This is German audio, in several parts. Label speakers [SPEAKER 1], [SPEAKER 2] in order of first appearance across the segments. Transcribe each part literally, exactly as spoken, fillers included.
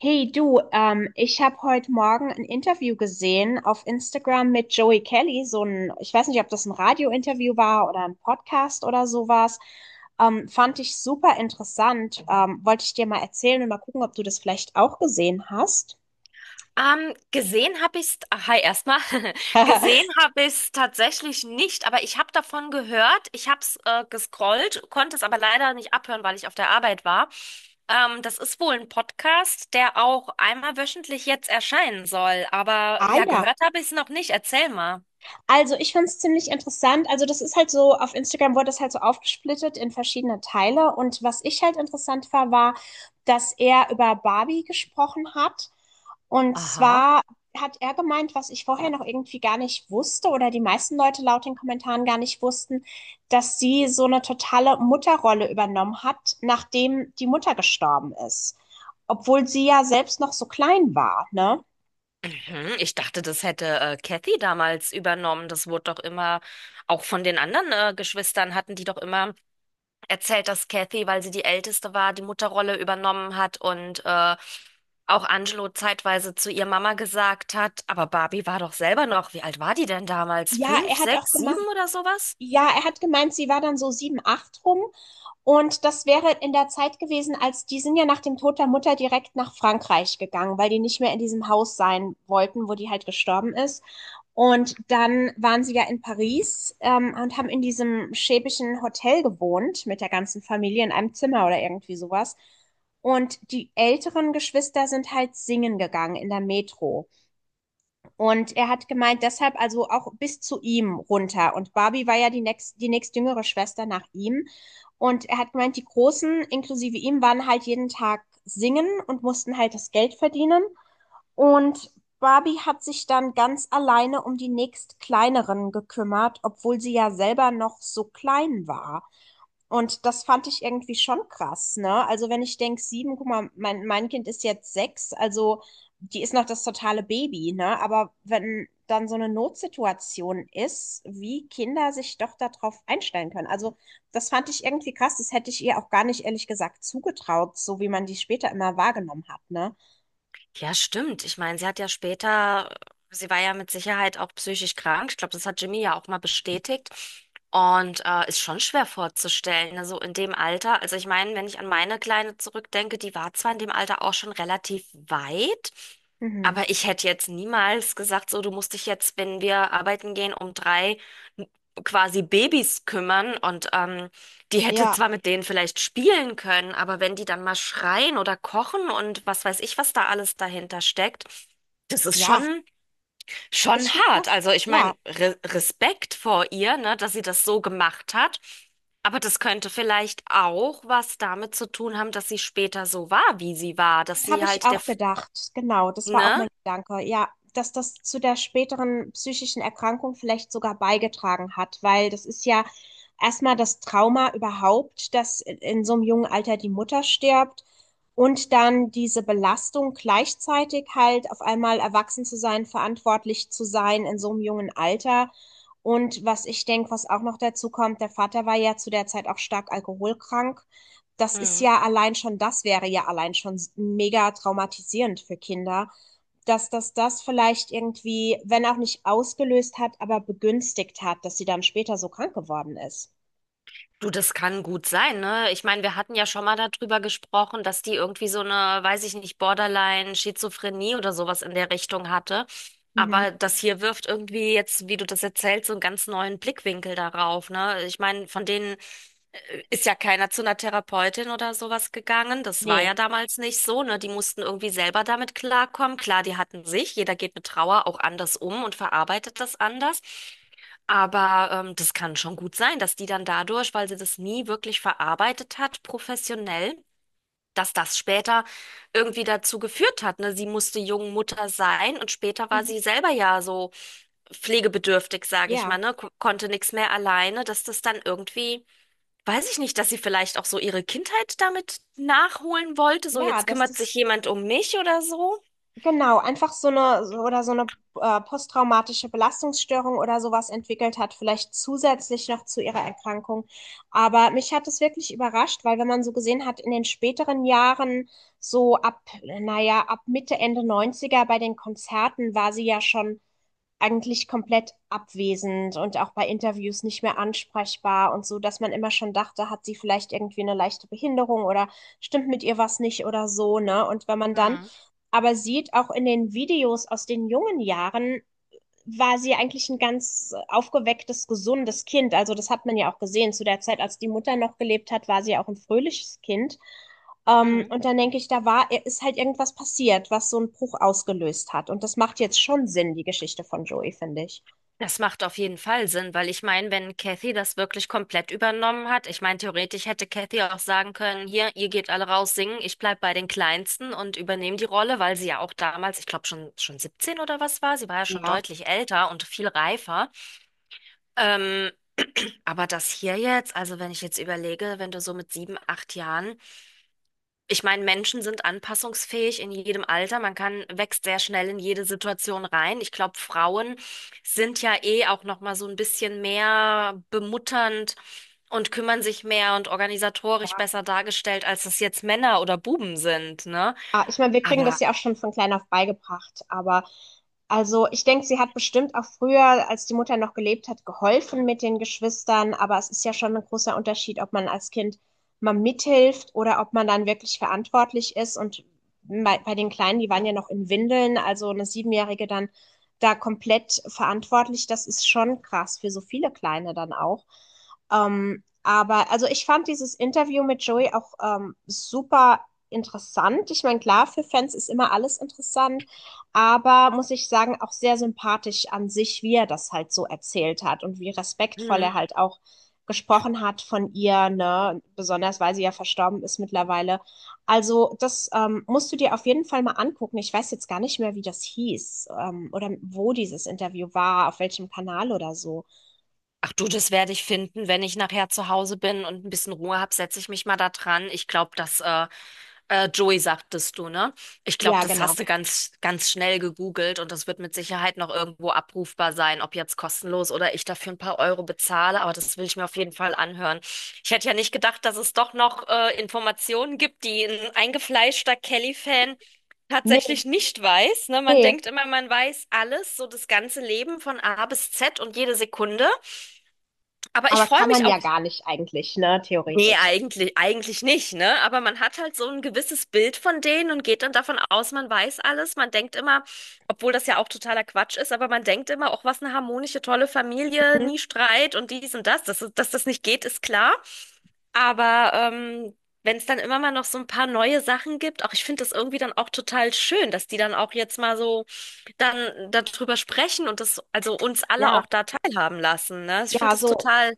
[SPEAKER 1] Hey du, ähm, ich habe heute Morgen ein Interview gesehen auf Instagram mit Joey Kelly, so ein, ich weiß nicht, ob das ein Radiointerview war oder ein Podcast oder sowas. Ähm, fand ich super interessant. Ähm, wollte ich dir mal erzählen und mal gucken, ob du das vielleicht auch gesehen hast.
[SPEAKER 2] Ähm, gesehen habe ich's, ah, hi erstmal, gesehen habe ich's tatsächlich nicht, aber ich habe davon gehört, ich habe es äh, gescrollt, konnte es aber leider nicht abhören, weil ich auf der Arbeit war. Ähm, das ist wohl ein Podcast, der auch einmal wöchentlich jetzt erscheinen soll, aber
[SPEAKER 1] Ah
[SPEAKER 2] ja,
[SPEAKER 1] ja.
[SPEAKER 2] gehört habe ich es noch nicht, erzähl mal.
[SPEAKER 1] Also, ich fand es ziemlich interessant. Also, das ist halt so, auf Instagram wurde das halt so aufgesplittet in verschiedene Teile. Und was ich halt interessant war, war, dass er über Barbie gesprochen hat. Und
[SPEAKER 2] Aha.
[SPEAKER 1] zwar hat er gemeint, was ich vorher noch irgendwie gar nicht wusste oder die meisten Leute laut den Kommentaren gar nicht wussten, dass sie so eine totale Mutterrolle übernommen hat, nachdem die Mutter gestorben ist. Obwohl sie ja selbst noch so klein war, ne?
[SPEAKER 2] Mhm, ich dachte, das hätte äh, Kathy damals übernommen, das wurde doch immer, auch von den anderen äh, Geschwistern hatten die doch immer erzählt, dass Kathy, weil sie die Älteste war, die Mutterrolle übernommen hat und äh, auch Angelo zeitweise zu ihr Mama gesagt hat, aber Barbie war doch selber noch, wie alt war die denn damals?
[SPEAKER 1] Ja,
[SPEAKER 2] Fünf,
[SPEAKER 1] er hat auch
[SPEAKER 2] sechs, sieben
[SPEAKER 1] gemacht.
[SPEAKER 2] oder sowas?
[SPEAKER 1] Ja, er hat gemeint, sie war dann so sieben, acht rum. Und das wäre in der Zeit gewesen, als die sind ja nach dem Tod der Mutter direkt nach Frankreich gegangen, weil die nicht mehr in diesem Haus sein wollten, wo die halt gestorben ist. Und dann waren sie ja in Paris, ähm, und haben in diesem schäbischen Hotel gewohnt mit der ganzen Familie in einem Zimmer oder irgendwie sowas. Und die älteren Geschwister sind halt singen gegangen in der Metro. Und er hat gemeint, deshalb also auch bis zu ihm runter. Und Barbie war ja die nächst, die nächstjüngere Schwester nach ihm. Und er hat gemeint, die Großen, inklusive ihm, waren halt jeden Tag singen und mussten halt das Geld verdienen. Und Barbie hat sich dann ganz alleine um die nächstkleineren gekümmert, obwohl sie ja selber noch so klein war. Und das fand ich irgendwie schon krass, ne? Also wenn ich denke, sieben, guck mal, mein, mein Kind ist jetzt sechs, also die ist noch das totale Baby, ne? Aber wenn dann so eine Notsituation ist, wie Kinder sich doch darauf einstellen können. Also das fand ich irgendwie krass. Das hätte ich ihr auch gar nicht ehrlich gesagt zugetraut, so wie man die später immer wahrgenommen hat, ne?
[SPEAKER 2] Ja, stimmt. Ich meine, sie hat ja später, sie war ja mit Sicherheit auch psychisch krank. Ich glaube, das hat Jimmy ja auch mal bestätigt. Und äh, ist schon schwer vorzustellen, ne? So in dem Alter. Also ich meine, wenn ich an meine Kleine zurückdenke, die war zwar in dem Alter auch schon relativ weit,
[SPEAKER 1] Mhm.
[SPEAKER 2] aber ich hätte jetzt niemals gesagt, so, du musst dich jetzt, wenn wir arbeiten gehen, um drei quasi Babys kümmern. Und ähm, die hätte
[SPEAKER 1] Ja,
[SPEAKER 2] zwar mit denen vielleicht spielen können, aber wenn die dann mal schreien oder kochen und was weiß ich, was da alles dahinter steckt, das ist
[SPEAKER 1] ja,
[SPEAKER 2] schon, schon
[SPEAKER 1] ist schon
[SPEAKER 2] hart.
[SPEAKER 1] krass.
[SPEAKER 2] Also ich
[SPEAKER 1] Ja.
[SPEAKER 2] meine, Re Respekt vor ihr, ne, dass sie das so gemacht hat. Aber das könnte vielleicht auch was damit zu tun haben, dass sie später so war, wie sie war, dass
[SPEAKER 1] Das habe
[SPEAKER 2] sie
[SPEAKER 1] ich
[SPEAKER 2] halt der,
[SPEAKER 1] auch
[SPEAKER 2] F-
[SPEAKER 1] gedacht. Genau, das war auch
[SPEAKER 2] ne?
[SPEAKER 1] mein Gedanke. Ja, dass das zu der späteren psychischen Erkrankung vielleicht sogar beigetragen hat, weil das ist ja erstmal das Trauma überhaupt, dass in so einem jungen Alter die Mutter stirbt und dann diese Belastung gleichzeitig halt auf einmal erwachsen zu sein, verantwortlich zu sein in so einem jungen Alter. Und was ich denke, was auch noch dazu kommt, der Vater war ja zu der Zeit auch stark alkoholkrank. Das ist ja allein schon, das wäre ja allein schon mega traumatisierend für Kinder, dass das das vielleicht irgendwie, wenn auch nicht ausgelöst hat, aber begünstigt hat, dass sie dann später so krank geworden ist.
[SPEAKER 2] Du, das kann gut sein, ne? Ich meine, wir hatten ja schon mal darüber gesprochen, dass die irgendwie so eine, weiß ich nicht, Borderline, Schizophrenie oder sowas in der Richtung hatte.
[SPEAKER 1] Mhm.
[SPEAKER 2] Aber das hier wirft irgendwie jetzt, wie du das erzählst, so einen ganz neuen Blickwinkel darauf, ne? Ich meine, von denen ist ja keiner zu einer Therapeutin oder sowas gegangen. Das war
[SPEAKER 1] Nee.
[SPEAKER 2] ja damals nicht so, ne? Die mussten irgendwie selber damit klarkommen. Klar, die hatten sich, jeder geht mit Trauer auch anders um und verarbeitet das anders. Aber ähm, das kann schon gut sein, dass die dann dadurch, weil sie das nie wirklich verarbeitet hat, professionell, dass das später irgendwie dazu geführt hat. Ne? Sie musste jung Mutter sein und später war
[SPEAKER 1] Mhm.
[SPEAKER 2] sie selber ja so pflegebedürftig, sage ich
[SPEAKER 1] Ja.
[SPEAKER 2] mal, ne? Ko- Konnte nichts mehr alleine, dass das dann irgendwie, weiß ich nicht, dass sie vielleicht auch so ihre Kindheit damit nachholen wollte. So,
[SPEAKER 1] Ja,
[SPEAKER 2] jetzt
[SPEAKER 1] dass
[SPEAKER 2] kümmert
[SPEAKER 1] das
[SPEAKER 2] sich jemand um mich oder so.
[SPEAKER 1] genau, einfach so eine so- oder so eine äh, posttraumatische Belastungsstörung oder sowas entwickelt hat, vielleicht zusätzlich noch zu ihrer Erkrankung. Aber mich hat es wirklich überrascht, weil wenn man so gesehen hat, in den späteren Jahren, so ab, naja, ab Mitte, Ende neunziger bei den Konzerten war sie ja schon eigentlich komplett abwesend und auch bei Interviews nicht mehr ansprechbar und so, dass man immer schon dachte, hat sie vielleicht irgendwie eine leichte Behinderung oder stimmt mit ihr was nicht oder so, ne? Und wenn man dann aber sieht, auch in den Videos aus den jungen Jahren, war sie eigentlich ein ganz aufgewecktes, gesundes Kind. Also das hat man ja auch gesehen. Zu der Zeit, als die Mutter noch gelebt hat, war sie auch ein fröhliches Kind. Ähm, und dann denke ich, da war, äh, ist halt irgendwas passiert, was so einen Bruch ausgelöst hat. Und das macht jetzt schon Sinn, die Geschichte von Joey, finde ich.
[SPEAKER 2] Das macht auf jeden Fall Sinn, weil ich meine, wenn Kathy das wirklich komplett übernommen hat, ich meine, theoretisch hätte Kathy auch sagen können, hier, ihr geht alle raus singen, ich bleib bei den Kleinsten und übernehme die Rolle, weil sie ja auch damals, ich glaube schon schon siebzehn oder was war, sie war ja schon
[SPEAKER 1] Ja,
[SPEAKER 2] deutlich älter und viel reifer. Ähm, aber das hier jetzt, also wenn ich jetzt überlege, wenn du so mit sieben, acht Jahren ich meine, Menschen sind anpassungsfähig in jedem Alter. Man kann, wächst sehr schnell in jede Situation rein. Ich glaube, Frauen sind ja eh auch noch mal so ein bisschen mehr bemutternd und kümmern sich mehr und organisatorisch besser dargestellt, als es jetzt Männer oder Buben sind, ne?
[SPEAKER 1] ah, ich meine, wir kriegen
[SPEAKER 2] Aber
[SPEAKER 1] das ja auch schon von klein auf beigebracht, aber also ich denke, sie hat bestimmt auch früher, als die Mutter noch gelebt hat, geholfen mit den Geschwistern, aber es ist ja schon ein großer Unterschied, ob man als Kind mal mithilft oder ob man dann wirklich verantwortlich ist. Und bei, bei den Kleinen, die waren ja noch in Windeln, also eine Siebenjährige dann da komplett verantwortlich, das ist schon krass für so viele Kleine dann auch. Ähm, aber also ich fand dieses Interview mit Joey auch ähm, super interessant. Ich meine, klar, für Fans ist immer alles interessant, aber muss ich sagen, auch sehr sympathisch an sich, wie er das halt so erzählt hat und wie respektvoll
[SPEAKER 2] hm,
[SPEAKER 1] er halt auch gesprochen hat von ihr, ne? Besonders weil sie ja verstorben ist mittlerweile. Also, das ähm, musst du dir auf jeden Fall mal angucken. Ich weiß jetzt gar nicht mehr, wie das hieß, ähm, oder wo dieses Interview war, auf welchem Kanal oder so.
[SPEAKER 2] ach du, das werde ich finden, wenn ich nachher zu Hause bin und ein bisschen Ruhe habe, setze ich mich mal da dran. Ich glaube, dass äh, äh, Joey sagtest du, ne? Ich glaube,
[SPEAKER 1] Ja,
[SPEAKER 2] das
[SPEAKER 1] genau.
[SPEAKER 2] hast du ganz, ganz schnell gegoogelt und das wird mit Sicherheit noch irgendwo abrufbar sein, ob jetzt kostenlos oder ich dafür ein paar Euro bezahle, aber das will ich mir auf jeden Fall anhören. Ich hätte ja nicht gedacht, dass es doch noch äh, Informationen gibt, die ein eingefleischter Kelly-Fan
[SPEAKER 1] Nee,
[SPEAKER 2] tatsächlich nicht weiß, ne? Man
[SPEAKER 1] nee.
[SPEAKER 2] denkt immer, man weiß alles, so das ganze Leben von A bis Z und jede Sekunde. Aber ich
[SPEAKER 1] Aber
[SPEAKER 2] freue
[SPEAKER 1] kann
[SPEAKER 2] mich
[SPEAKER 1] man ja
[SPEAKER 2] auch.
[SPEAKER 1] gar nicht eigentlich, ne?
[SPEAKER 2] Nee,
[SPEAKER 1] Theoretisch.
[SPEAKER 2] eigentlich, eigentlich nicht, ne? Aber man hat halt so ein gewisses Bild von denen und geht dann davon aus, man weiß alles. Man denkt immer, obwohl das ja auch totaler Quatsch ist, aber man denkt immer, auch was eine harmonische, tolle Familie,
[SPEAKER 1] Mhm.
[SPEAKER 2] nie Streit und dies und das. Dass, dass das nicht geht, ist klar. Aber ähm, wenn es dann immer mal noch so ein paar neue Sachen gibt, auch ich finde das irgendwie dann auch total schön, dass die dann auch jetzt mal so dann darüber sprechen und das, also uns alle
[SPEAKER 1] Ja,
[SPEAKER 2] auch da teilhaben lassen, ne? Ich finde
[SPEAKER 1] ja,
[SPEAKER 2] das
[SPEAKER 1] so,
[SPEAKER 2] total,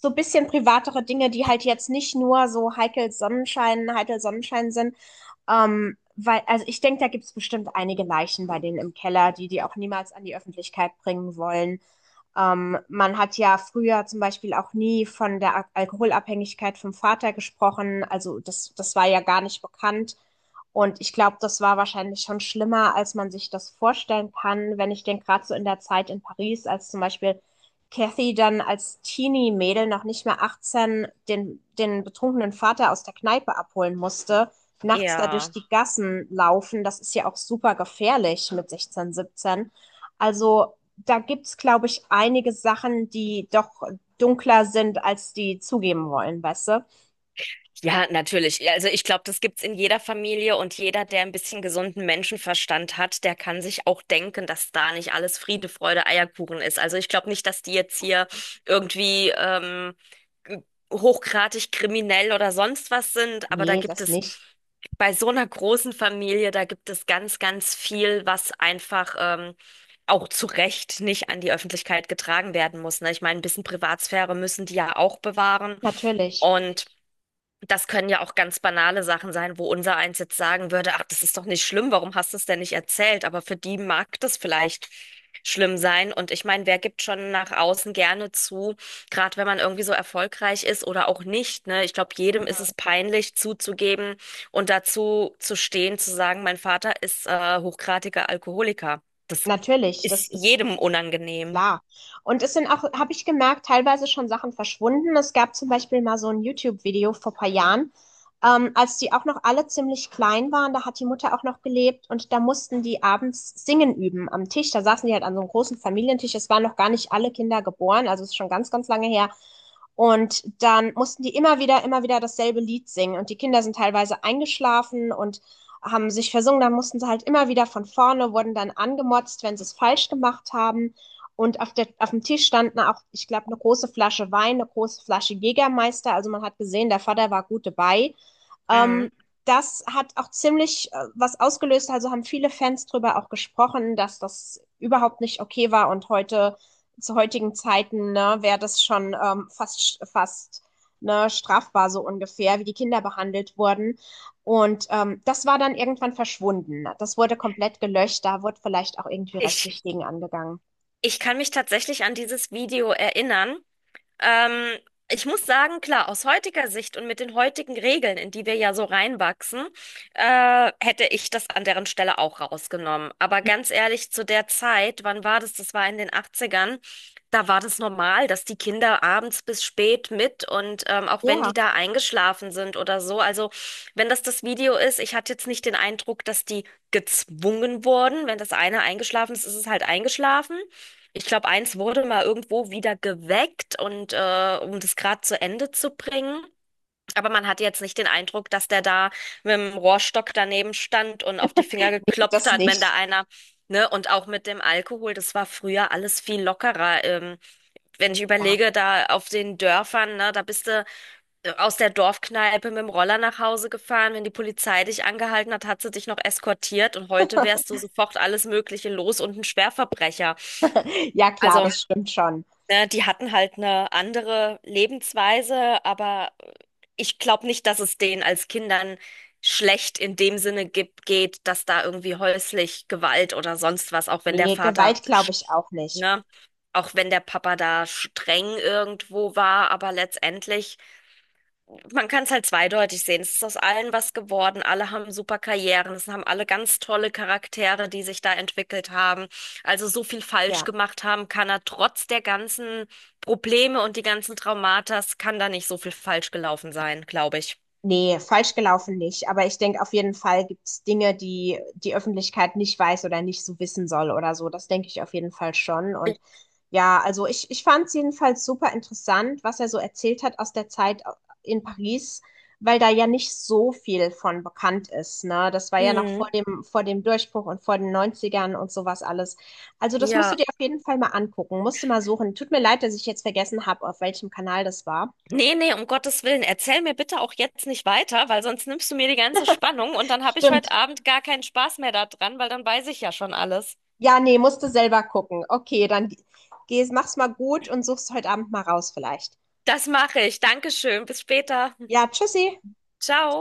[SPEAKER 1] so ein bisschen privatere Dinge, die halt jetzt nicht nur so heikel Sonnenschein, heikel Sonnenschein sind. Ähm, weil, also ich denke, da gibt's bestimmt einige Leichen bei denen im Keller, die die auch niemals an die Öffentlichkeit bringen wollen. Ähm, man hat ja früher zum Beispiel auch nie von der Al- Alkoholabhängigkeit vom Vater gesprochen. Also das, das war ja gar nicht bekannt. Und ich glaube, das war wahrscheinlich schon schlimmer, als man sich das vorstellen kann, wenn ich denke, gerade so in der Zeit in Paris, als zum Beispiel Cathy dann als Teenie-Mädel noch nicht mehr achtzehn den, den betrunkenen Vater aus der Kneipe abholen musste, nachts da durch
[SPEAKER 2] ja.
[SPEAKER 1] die Gassen laufen, das ist ja auch super gefährlich mit sechzehn, siebzehn. Also da gibt's, glaube ich, einige Sachen, die doch dunkler sind, als die zugeben wollen, weißt du?
[SPEAKER 2] Ja, natürlich. Ja, also ich glaube, das gibt's in jeder Familie und jeder, der ein bisschen gesunden Menschenverstand hat, der kann sich auch denken, dass da nicht alles Friede, Freude, Eierkuchen ist. Also ich glaube nicht, dass die jetzt hier irgendwie ähm, g- hochgradig kriminell oder sonst was sind, aber da
[SPEAKER 1] Nee,
[SPEAKER 2] gibt
[SPEAKER 1] das
[SPEAKER 2] es
[SPEAKER 1] nicht.
[SPEAKER 2] bei so einer großen Familie, da gibt es ganz, ganz viel, was einfach ähm, auch zu Recht nicht an die Öffentlichkeit getragen werden muss. Ne? Ich meine, ein bisschen Privatsphäre müssen die ja auch bewahren.
[SPEAKER 1] Natürlich.
[SPEAKER 2] Und das können ja auch ganz banale Sachen sein, wo unser eins jetzt sagen würde, ach, das ist doch nicht schlimm, warum hast du es denn nicht erzählt? Aber für die mag das vielleicht schlimm sein. Und ich meine, wer gibt schon nach außen gerne zu, gerade wenn man irgendwie so erfolgreich ist oder auch nicht, ne? Ich glaube, jedem ist
[SPEAKER 1] Mhm.
[SPEAKER 2] es peinlich zuzugeben und dazu zu stehen, zu sagen, mein Vater ist äh, hochgradiger Alkoholiker. Das
[SPEAKER 1] Natürlich,
[SPEAKER 2] ist
[SPEAKER 1] das ist
[SPEAKER 2] jedem unangenehm.
[SPEAKER 1] klar. Und es sind auch, habe ich gemerkt, teilweise schon Sachen verschwunden. Es gab zum Beispiel mal so ein YouTube-Video vor ein paar Jahren, ähm, als die auch noch alle ziemlich klein waren. Da hat die Mutter auch noch gelebt und da mussten die abends singen üben am Tisch. Da saßen die halt an so einem großen Familientisch. Es waren noch gar nicht alle Kinder geboren, also es ist schon ganz, ganz lange her. Und dann mussten die immer wieder, immer wieder dasselbe Lied singen. Und die Kinder sind teilweise eingeschlafen und haben sich versungen. Dann mussten sie halt immer wieder von vorne, wurden dann angemotzt, wenn sie es falsch gemacht haben. Und auf der, auf dem Tisch standen auch, ich glaube, eine große Flasche Wein, eine große Flasche Jägermeister. Also man hat gesehen, der Vater war gut dabei.
[SPEAKER 2] Mhm.
[SPEAKER 1] Ähm, Das hat auch ziemlich äh, was ausgelöst. Also haben viele Fans drüber auch gesprochen, dass das überhaupt nicht okay war. Und heute, zu heutigen Zeiten, ne, wäre das schon ähm, fast, fast ne, strafbar so ungefähr, wie die Kinder behandelt wurden. Und ähm, das war dann irgendwann verschwunden. Das wurde komplett gelöscht. Da wurde vielleicht auch irgendwie
[SPEAKER 2] Ich,
[SPEAKER 1] rechtlich gegen angegangen.
[SPEAKER 2] Ich kann mich tatsächlich an dieses Video erinnern. Ähm, Ich muss sagen, klar, aus heutiger Sicht und mit den heutigen Regeln, in die wir ja so reinwachsen, äh, hätte ich das an deren Stelle auch rausgenommen. Aber ganz ehrlich, zu der Zeit, wann war das? Das war in den Achtzigern. Da war das normal, dass die Kinder abends bis spät mit und ähm, auch wenn die
[SPEAKER 1] Ja.
[SPEAKER 2] da eingeschlafen sind oder so. Also wenn das das Video ist, ich hatte jetzt nicht den Eindruck, dass die gezwungen wurden. Wenn das eine eingeschlafen ist, ist es halt eingeschlafen. Ich glaube, eins wurde mal irgendwo wieder geweckt und äh, um das gerade zu Ende zu bringen. Aber man hatte jetzt nicht den Eindruck, dass der da mit dem Rohrstock daneben stand und auf die Finger geklopft
[SPEAKER 1] Das
[SPEAKER 2] hat, wenn da
[SPEAKER 1] nicht.
[SPEAKER 2] einer, ne, und auch mit dem Alkohol, das war früher alles viel lockerer. Ähm, wenn ich
[SPEAKER 1] Ja.
[SPEAKER 2] überlege, da auf den Dörfern, ne, da bist du äh, aus der Dorfkneipe mit dem Roller nach Hause gefahren. Wenn die Polizei dich angehalten hat, hat sie dich noch eskortiert und heute wärst du sofort alles Mögliche los und ein Schwerverbrecher.
[SPEAKER 1] Ja, klar,
[SPEAKER 2] Also
[SPEAKER 1] das stimmt schon.
[SPEAKER 2] ne, die hatten halt eine andere Lebensweise, aber ich glaube nicht, dass es denen als Kindern schlecht in dem Sinne gibt, geht, dass da irgendwie häuslich Gewalt oder sonst was, auch wenn der
[SPEAKER 1] Nee,
[SPEAKER 2] Vater,
[SPEAKER 1] Gewalt glaube
[SPEAKER 2] sch-
[SPEAKER 1] ich auch nicht.
[SPEAKER 2] ne, auch wenn der Papa da streng irgendwo war, aber letztendlich man kann es halt zweideutig sehen. Es ist aus allen was geworden. Alle haben super Karrieren. Es haben alle ganz tolle Charaktere, die sich da entwickelt haben. Also so viel falsch
[SPEAKER 1] Ja,
[SPEAKER 2] gemacht haben kann er trotz der ganzen Probleme und die ganzen Traumatas, kann da nicht so viel falsch gelaufen sein, glaube ich.
[SPEAKER 1] nee, falsch gelaufen nicht. Aber ich denke, auf jeden Fall gibt es Dinge, die die Öffentlichkeit nicht weiß oder nicht so wissen soll oder so. Das denke ich auf jeden Fall schon. Und ja, also ich, ich fand es jedenfalls super interessant, was er so erzählt hat aus der Zeit in Paris, weil da ja nicht so viel von bekannt ist, ne? Das war ja noch vor
[SPEAKER 2] Mhm.
[SPEAKER 1] dem, vor dem Durchbruch und vor den Neunzigern und sowas alles. Also das musst du
[SPEAKER 2] Ja.
[SPEAKER 1] dir auf jeden Fall mal angucken, musst du mal suchen. Tut mir leid, dass ich jetzt vergessen habe, auf welchem Kanal das war.
[SPEAKER 2] Nee, nee, um Gottes Willen, erzähl mir bitte auch jetzt nicht weiter, weil sonst nimmst du mir die ganze Spannung und dann habe ich heute
[SPEAKER 1] Stimmt.
[SPEAKER 2] Abend gar keinen Spaß mehr daran, weil dann weiß ich ja schon alles.
[SPEAKER 1] Ja, nee, musst du selber gucken. Okay, dann geh's, mach's mal gut und such's heute Abend mal raus vielleicht.
[SPEAKER 2] Das mache ich. Dankeschön. Bis später.
[SPEAKER 1] Ja, tschüssi.
[SPEAKER 2] Ciao.